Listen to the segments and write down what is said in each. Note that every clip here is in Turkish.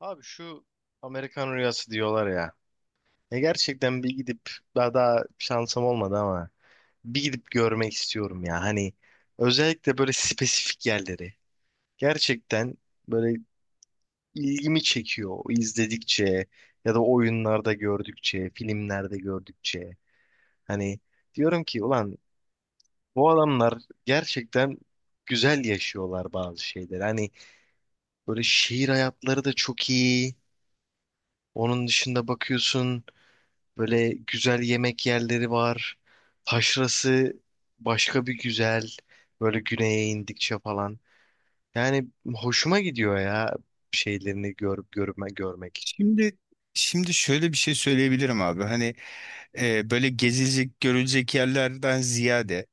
Abi şu Amerikan rüyası diyorlar ya. Gerçekten bir gidip daha şansım olmadı ama bir gidip görmek istiyorum ya. Hani özellikle böyle spesifik yerleri. Gerçekten böyle ilgimi çekiyor izledikçe ya da oyunlarda gördükçe, filmlerde gördükçe. Hani diyorum ki ulan bu adamlar gerçekten güzel yaşıyorlar bazı şeyleri. Hani böyle şehir hayatları da çok iyi. Onun dışında bakıyorsun, böyle güzel yemek yerleri var. Taşrası başka bir güzel. Böyle güneye indikçe falan. Yani hoşuma gidiyor ya şeylerini görüp görmek. Şimdi şimdi şöyle bir şey söyleyebilirim abi. Hani böyle gezilecek, görülecek yerlerden ziyade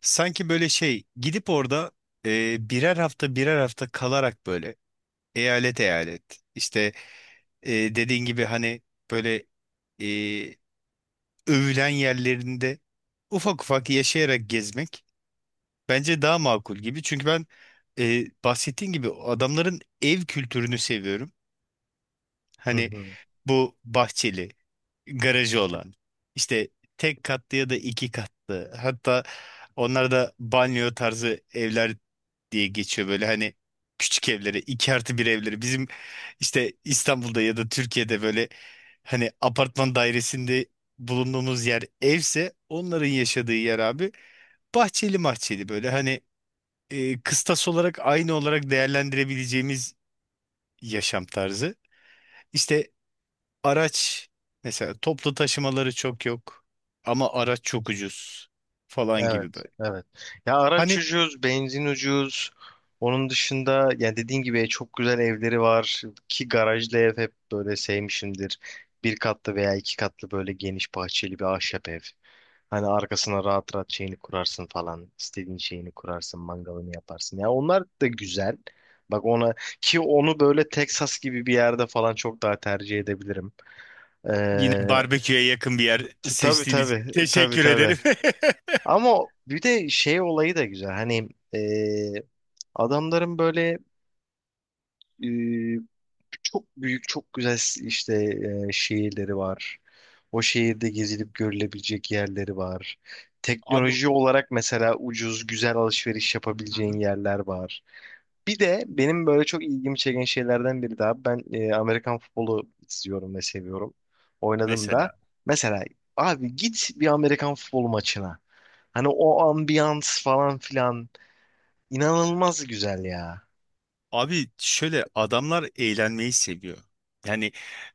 sanki böyle şey gidip orada birer hafta birer hafta kalarak böyle eyalet eyalet işte dediğin gibi hani böyle e, övülen yerlerinde ufak ufak yaşayarak gezmek bence daha makul gibi. Çünkü ben bahsettiğin gibi adamların ev kültürünü seviyorum. Hı Hani hı. bu bahçeli garajı olan. İşte tek katlı ya da iki katlı. Hatta onlar da banyo tarzı evler diye geçiyor böyle hani küçük evleri, iki artı bir evleri. Bizim işte İstanbul'da ya da Türkiye'de böyle hani apartman dairesinde bulunduğumuz yer evse onların yaşadığı yer abi bahçeli mahçeli böyle hani kıstas olarak aynı olarak değerlendirebileceğimiz yaşam tarzı. İşte araç mesela toplu taşımaları çok yok ama araç çok ucuz falan gibi Evet, böyle. evet. Ya araç Hani ucuz, benzin ucuz. Onun dışında ya dediğin gibi çok güzel evleri var ki garajlı ev hep böyle sevmişimdir. Bir katlı veya iki katlı böyle geniş bahçeli bir ahşap ev. Hani arkasına rahat rahat şeyini kurarsın falan. İstediğin şeyini kurarsın, mangalını yaparsın. Ya onlar da güzel. Bak ona ki onu böyle Texas gibi bir yerde falan çok daha tercih edebilirim. yine Ee, barbeküye yakın bir yer tabii seçtiğin için tabii, tabii teşekkür tabii. ederim. Ama bir de şey olayı da güzel. Hani e, adamların böyle e, çok büyük, çok güzel işte şehirleri var. O şehirde gezilip görülebilecek yerleri var. Teknoloji olarak mesela ucuz, güzel alışveriş Hı hı. yapabileceğin yerler var. Bir de benim böyle çok ilgimi çeken şeylerden biri daha. Ben Amerikan futbolu izliyorum ve seviyorum. Oynadığımda Mesela mesela abi git bir Amerikan futbolu maçına. Hani o ambiyans falan filan inanılmaz güzel ya. abi şöyle adamlar eğlenmeyi seviyor. Yani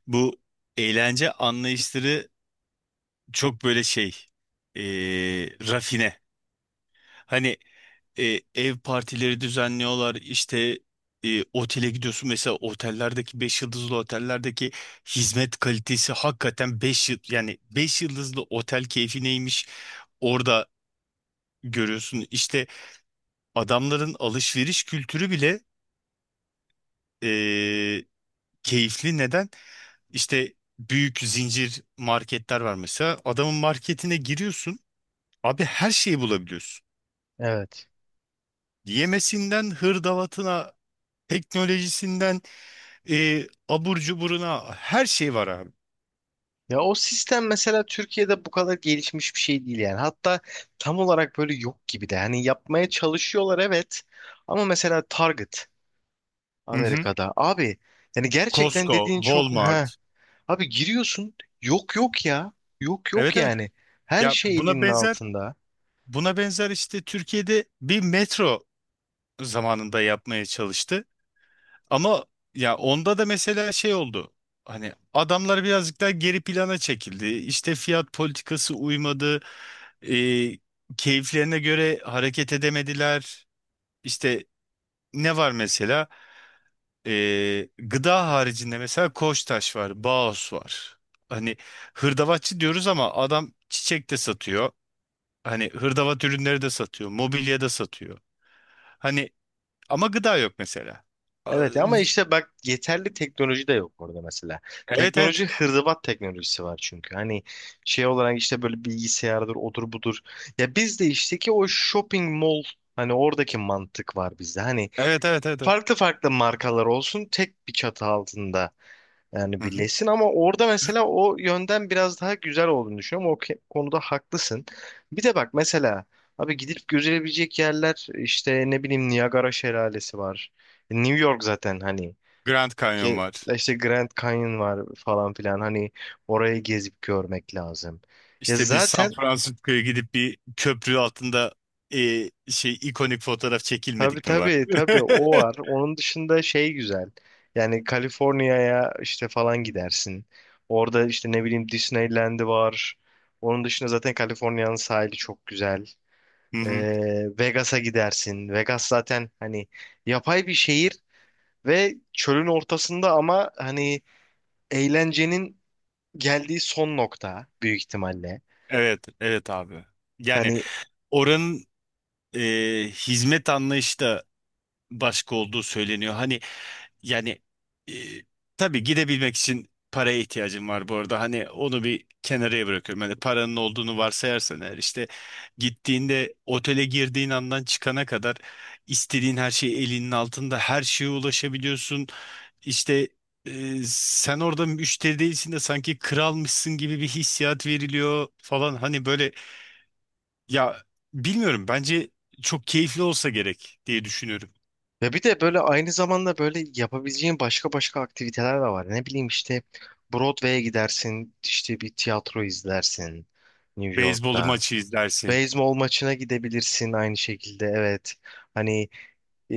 bu eğlence anlayışları çok böyle rafine. Hani ev partileri düzenliyorlar. İşte otele gidiyorsun mesela otellerdeki 5 yıldızlı otellerdeki hizmet kalitesi hakikaten 5 yıl yani 5 yıldızlı otel keyfi neymiş orada görüyorsun. İşte adamların alışveriş kültürü bile e, keyifli. Neden? İşte büyük zincir marketler var mesela. Adamın marketine giriyorsun. Abi her şeyi bulabiliyorsun. Evet. Yemesinden hırdavatına, teknolojisinden abur cuburuna her şey var abi. Ya o sistem mesela Türkiye'de bu kadar gelişmiş bir şey değil yani. Hatta tam olarak böyle yok gibi de. Hani yapmaya çalışıyorlar, evet. Ama mesela Target Hı hı. Amerika'da abi, yani gerçekten Costco, dediğin çok Walmart. ha. Abi giriyorsun, yok yok ya. Yok yok Evet evet. yani. Her Ya şey buna elinin benzer altında. buna benzer işte Türkiye'de bir metro zamanında yapmaya çalıştı. Ama ya onda da mesela şey oldu. Hani adamlar birazcık daha geri plana çekildi. İşte fiyat politikası uymadı. E, keyiflerine göre hareket edemediler. İşte ne var mesela? Gıda haricinde mesela Koçtaş var, Baos var. Hani hırdavatçı diyoruz ama adam çiçek de satıyor. Hani hırdavat ürünleri de satıyor, mobilya da satıyor. Hani ama gıda yok mesela. Aa. Evet ama işte bak yeterli teknoloji de yok orada mesela. Evet evet. Teknoloji hırdavat teknolojisi var çünkü. Hani şey olarak işte böyle bilgisayardır, odur budur. Ya bizde işte ki o shopping mall, hani oradaki mantık var bizde. Hani Evet evet evet, evet. farklı farklı markalar olsun tek bir çatı altında, yani Hı hı. birleşsin, ama orada mesela o yönden biraz daha güzel olduğunu düşünüyorum. Konuda haklısın. Bir de bak mesela abi gidip görülebilecek yerler işte ne bileyim Niagara Şelalesi var. New York zaten hani, Grand Canyon ki var. işte Grand Canyon var falan filan, hani orayı gezip görmek lazım. Ya İşte bir San zaten, Francisco'ya gidip bir köprü altında ikonik fotoğraf tabii çekilmedik mi var? tabii tabii o var. Onun dışında şey güzel. Yani Kaliforniya'ya işte falan gidersin. Orada işte ne bileyim Disneyland'i var. Onun dışında zaten Kaliforniya'nın sahili çok güzel. Hı hı. Vegas'a gidersin. Vegas zaten hani yapay bir şehir ve çölün ortasında ama hani eğlencenin geldiği son nokta büyük ihtimalle. Evet evet abi. Yani Hani oranın e, hizmet anlayışı da başka olduğu söyleniyor. Hani yani e, tabii gidebilmek için paraya ihtiyacım var bu arada. Hani onu bir kenarıya bırakıyorum. Hani paranın olduğunu varsayarsan eğer işte gittiğinde otele girdiğin andan çıkana kadar istediğin her şey elinin altında her şeye ulaşabiliyorsun. İşte sen orada müşteri değilsin de sanki kralmışsın gibi bir hissiyat veriliyor falan. Hani böyle ya bilmiyorum bence çok keyifli olsa gerek diye düşünüyorum. ya bir de böyle aynı zamanda böyle yapabileceğin başka başka aktiviteler de var. Ne bileyim işte Broadway'e gidersin, işte bir tiyatro izlersin New Beyzbol York'ta. maçı izlersin. Beyzbol maçına gidebilirsin aynı şekilde, evet. Hani e,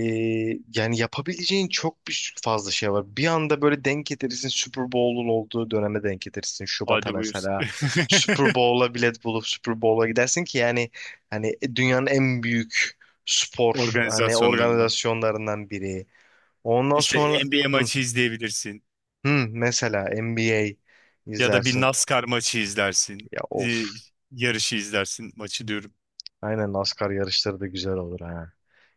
yani yapabileceğin çok bir fazla şey var. Bir anda böyle denk getirirsin, Super Bowl'un olduğu döneme denk getirirsin. Şubat'a Hadi buyursun. mesela Super Bowl'a bilet bulup Super Bowl'a gidersin ki yani hani dünyanın en büyük spor hani Organizasyonlarından. organizasyonlarından biri. Ondan İşte sonra NBA hı, maçı izleyebilirsin. hı, mesela NBA Ya da bir izlersin. NASCAR maçı izlersin. Ya Ee, of. yarışı izlersin maçı diyorum. Aynen NASCAR yarışları da güzel olur ha.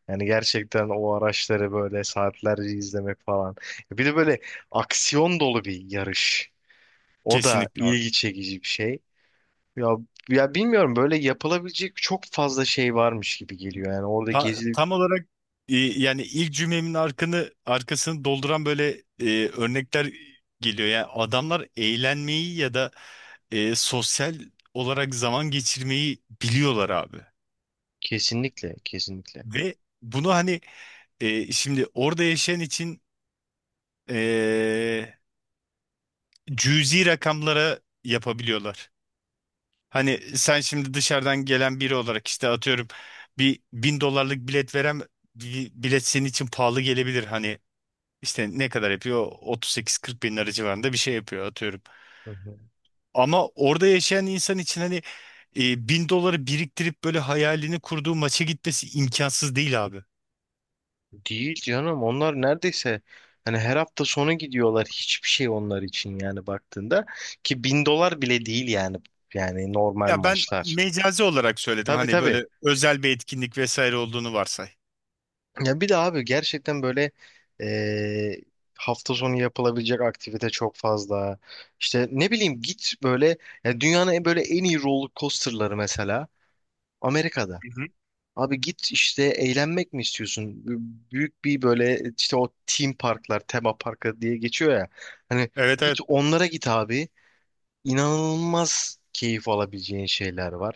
Yani gerçekten o araçları böyle saatlerce izlemek falan. Bir de böyle aksiyon dolu bir yarış. O da Kesinlikle abi. ilgi çekici bir şey. Ya ya bilmiyorum böyle yapılabilecek çok fazla şey varmış gibi geliyor. Yani orada Ta- gezilip, tam olarak yani ilk cümlemin arkını, arkasını dolduran böyle örnekler geliyor. Yani adamlar eğlenmeyi ya da sosyal olarak zaman geçirmeyi biliyorlar abi. kesinlikle kesinlikle. Ve bunu hani şimdi orada yaşayan için e, cüzi rakamlara yapabiliyorlar. Hani sen şimdi dışarıdan gelen biri olarak işte atıyorum bir bin dolarlık bilet veren bir bilet senin için pahalı gelebilir. Hani işte ne kadar yapıyor? 38-40 bin lira civarında bir şey yapıyor atıyorum. Hı hı. Ama orada yaşayan insan için hani bin doları biriktirip böyle hayalini kurduğu maça gitmesi imkansız değil abi. Değil canım, onlar neredeyse hani her hafta sonu gidiyorlar, hiçbir şey onlar için yani baktığında ki bin dolar bile değil yani, yani normal Ya ben maçlar. mecazi olarak söyledim Tabii hani tabii, böyle özel bir etkinlik vesaire olduğunu varsay. ya bir de abi gerçekten böyle eee, hafta sonu yapılabilecek aktivite çok fazla, işte ne bileyim git böyle ya dünyanın böyle en iyi roller coasterları mesela Amerika'da. Hı hı. Abi git işte, eğlenmek mi istiyorsun? Büyük bir böyle işte o team parklar, tema parkı diye geçiyor ya. Hani Evet git evet, onlara, git abi. İnanılmaz keyif alabileceğin şeyler var.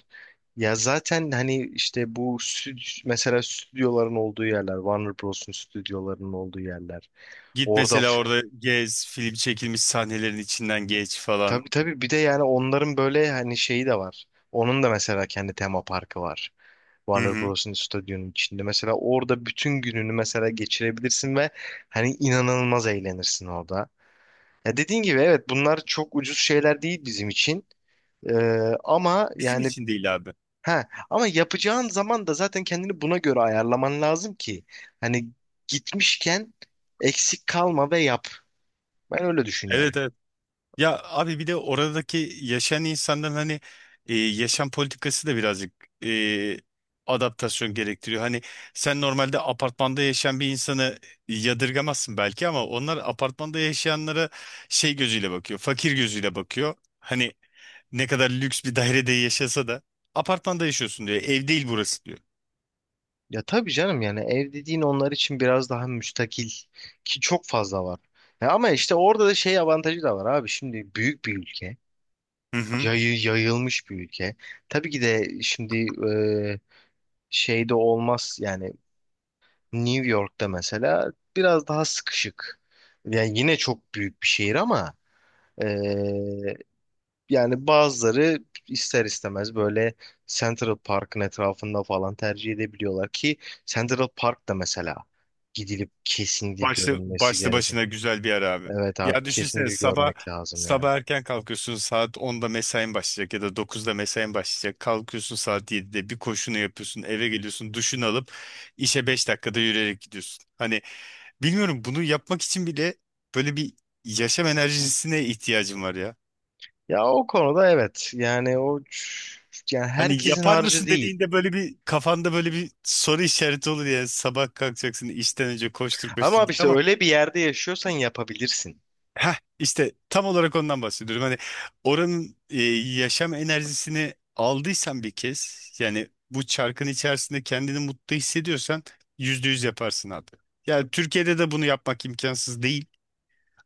Ya zaten hani işte mesela stüdyoların olduğu yerler, Warner Bros'un stüdyolarının olduğu yerler. git Orada mesela f- orada gez film çekilmiş sahnelerin içinden geç falan. tabii tabii, bir de yani onların böyle hani şeyi de var. Onun da mesela kendi tema parkı var. Hı Warner hı. Bros'un stüdyonun içinde. Mesela orada bütün gününü mesela geçirebilirsin ve hani inanılmaz eğlenirsin orada. Ya dediğin gibi, evet, bunlar çok ucuz şeyler değil bizim için. Ee, ama Bizim yani için değil abi. ha, ama yapacağın zaman da zaten kendini buna göre ayarlaman lazım ki hani gitmişken eksik kalma ve yap. Ben öyle düşünüyorum. Evet evet. Ya abi bir de oradaki yaşayan insanların hani yaşam politikası da birazcık e, adaptasyon gerektiriyor. Hani sen normalde apartmanda yaşayan bir insanı yadırgamazsın belki ama onlar apartmanda yaşayanlara şey gözüyle bakıyor, fakir gözüyle bakıyor. Hani ne kadar lüks bir dairede yaşasa da apartmanda yaşıyorsun diyor, ev değil burası diyor. Ya tabii canım, yani ev dediğin onlar için biraz daha müstakil ki çok fazla var. Ya ama işte orada da şey avantajı da var abi. Şimdi büyük bir ülke. Hı hı. Yayılmış bir ülke. Tabii ki de şimdi e, şeyde olmaz yani, New York'ta mesela biraz daha sıkışık. Yani yine çok büyük bir şehir ama e, yani bazıları ister istemez böyle Central Park'ın etrafında falan tercih edebiliyorlar ki Central Park da mesela gidilip kesinlikle görünmesi Başlı gereken. başına güzel bir ara abi. Evet abi, Ya düşünsene kesinlikle sabah görmek lazım yani. sabah erken kalkıyorsun saat 10'da mesain başlayacak ya da 9'da mesain başlayacak. Kalkıyorsun saat 7'de bir koşunu yapıyorsun eve geliyorsun duşunu alıp işe 5 dakikada yürüyerek gidiyorsun. Hani bilmiyorum bunu yapmak için bile böyle bir yaşam enerjisine ihtiyacım var ya. Ya o konuda evet. Yani Hani herkesin yapar harcı mısın değil. dediğinde böyle bir kafanda böyle bir soru işareti olur yani sabah kalkacaksın işten önce koştur Ama koştur abi git işte ama. öyle bir yerde yaşıyorsan yapabilirsin. Heh, işte tam olarak ondan bahsediyorum. Hani oranın yaşam enerjisini aldıysan bir kez yani bu çarkın içerisinde kendini mutlu hissediyorsan %100 yaparsın abi. Yani Türkiye'de de bunu yapmak imkansız değil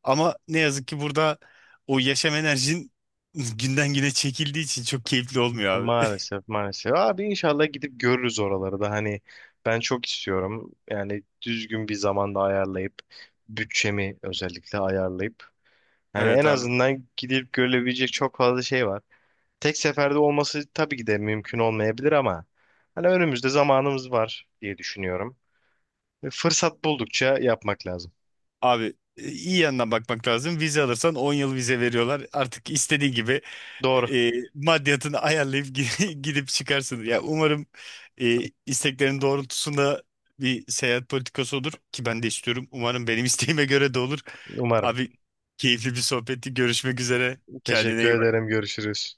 ama ne yazık ki burada o yaşam enerjin günden güne çekildiği için çok keyifli olmuyor abi. Maalesef maalesef. Abi inşallah gidip görürüz oraları da, hani ben çok istiyorum. Yani düzgün bir zamanda ayarlayıp bütçemi özellikle ayarlayıp hani en Evet abi. azından gidip görülebilecek çok fazla şey var. Tek seferde olması tabii ki de mümkün olmayabilir ama hani önümüzde zamanımız var diye düşünüyorum. Ve fırsat buldukça yapmak lazım. Abi iyi yandan bakmak lazım. Vize alırsan 10 yıl vize veriyorlar. Artık istediğin gibi Doğru. Maddiyatını ayarlayıp gi- gidip çıkarsın. Ya umarım e, isteklerin doğrultusunda bir seyahat politikası olur ki ben de istiyorum. Umarım benim isteğime göre de olur. Umarım. Abi keyifli bir sohbetti. Görüşmek üzere. Kendine Teşekkür iyi bak. ederim. Görüşürüz.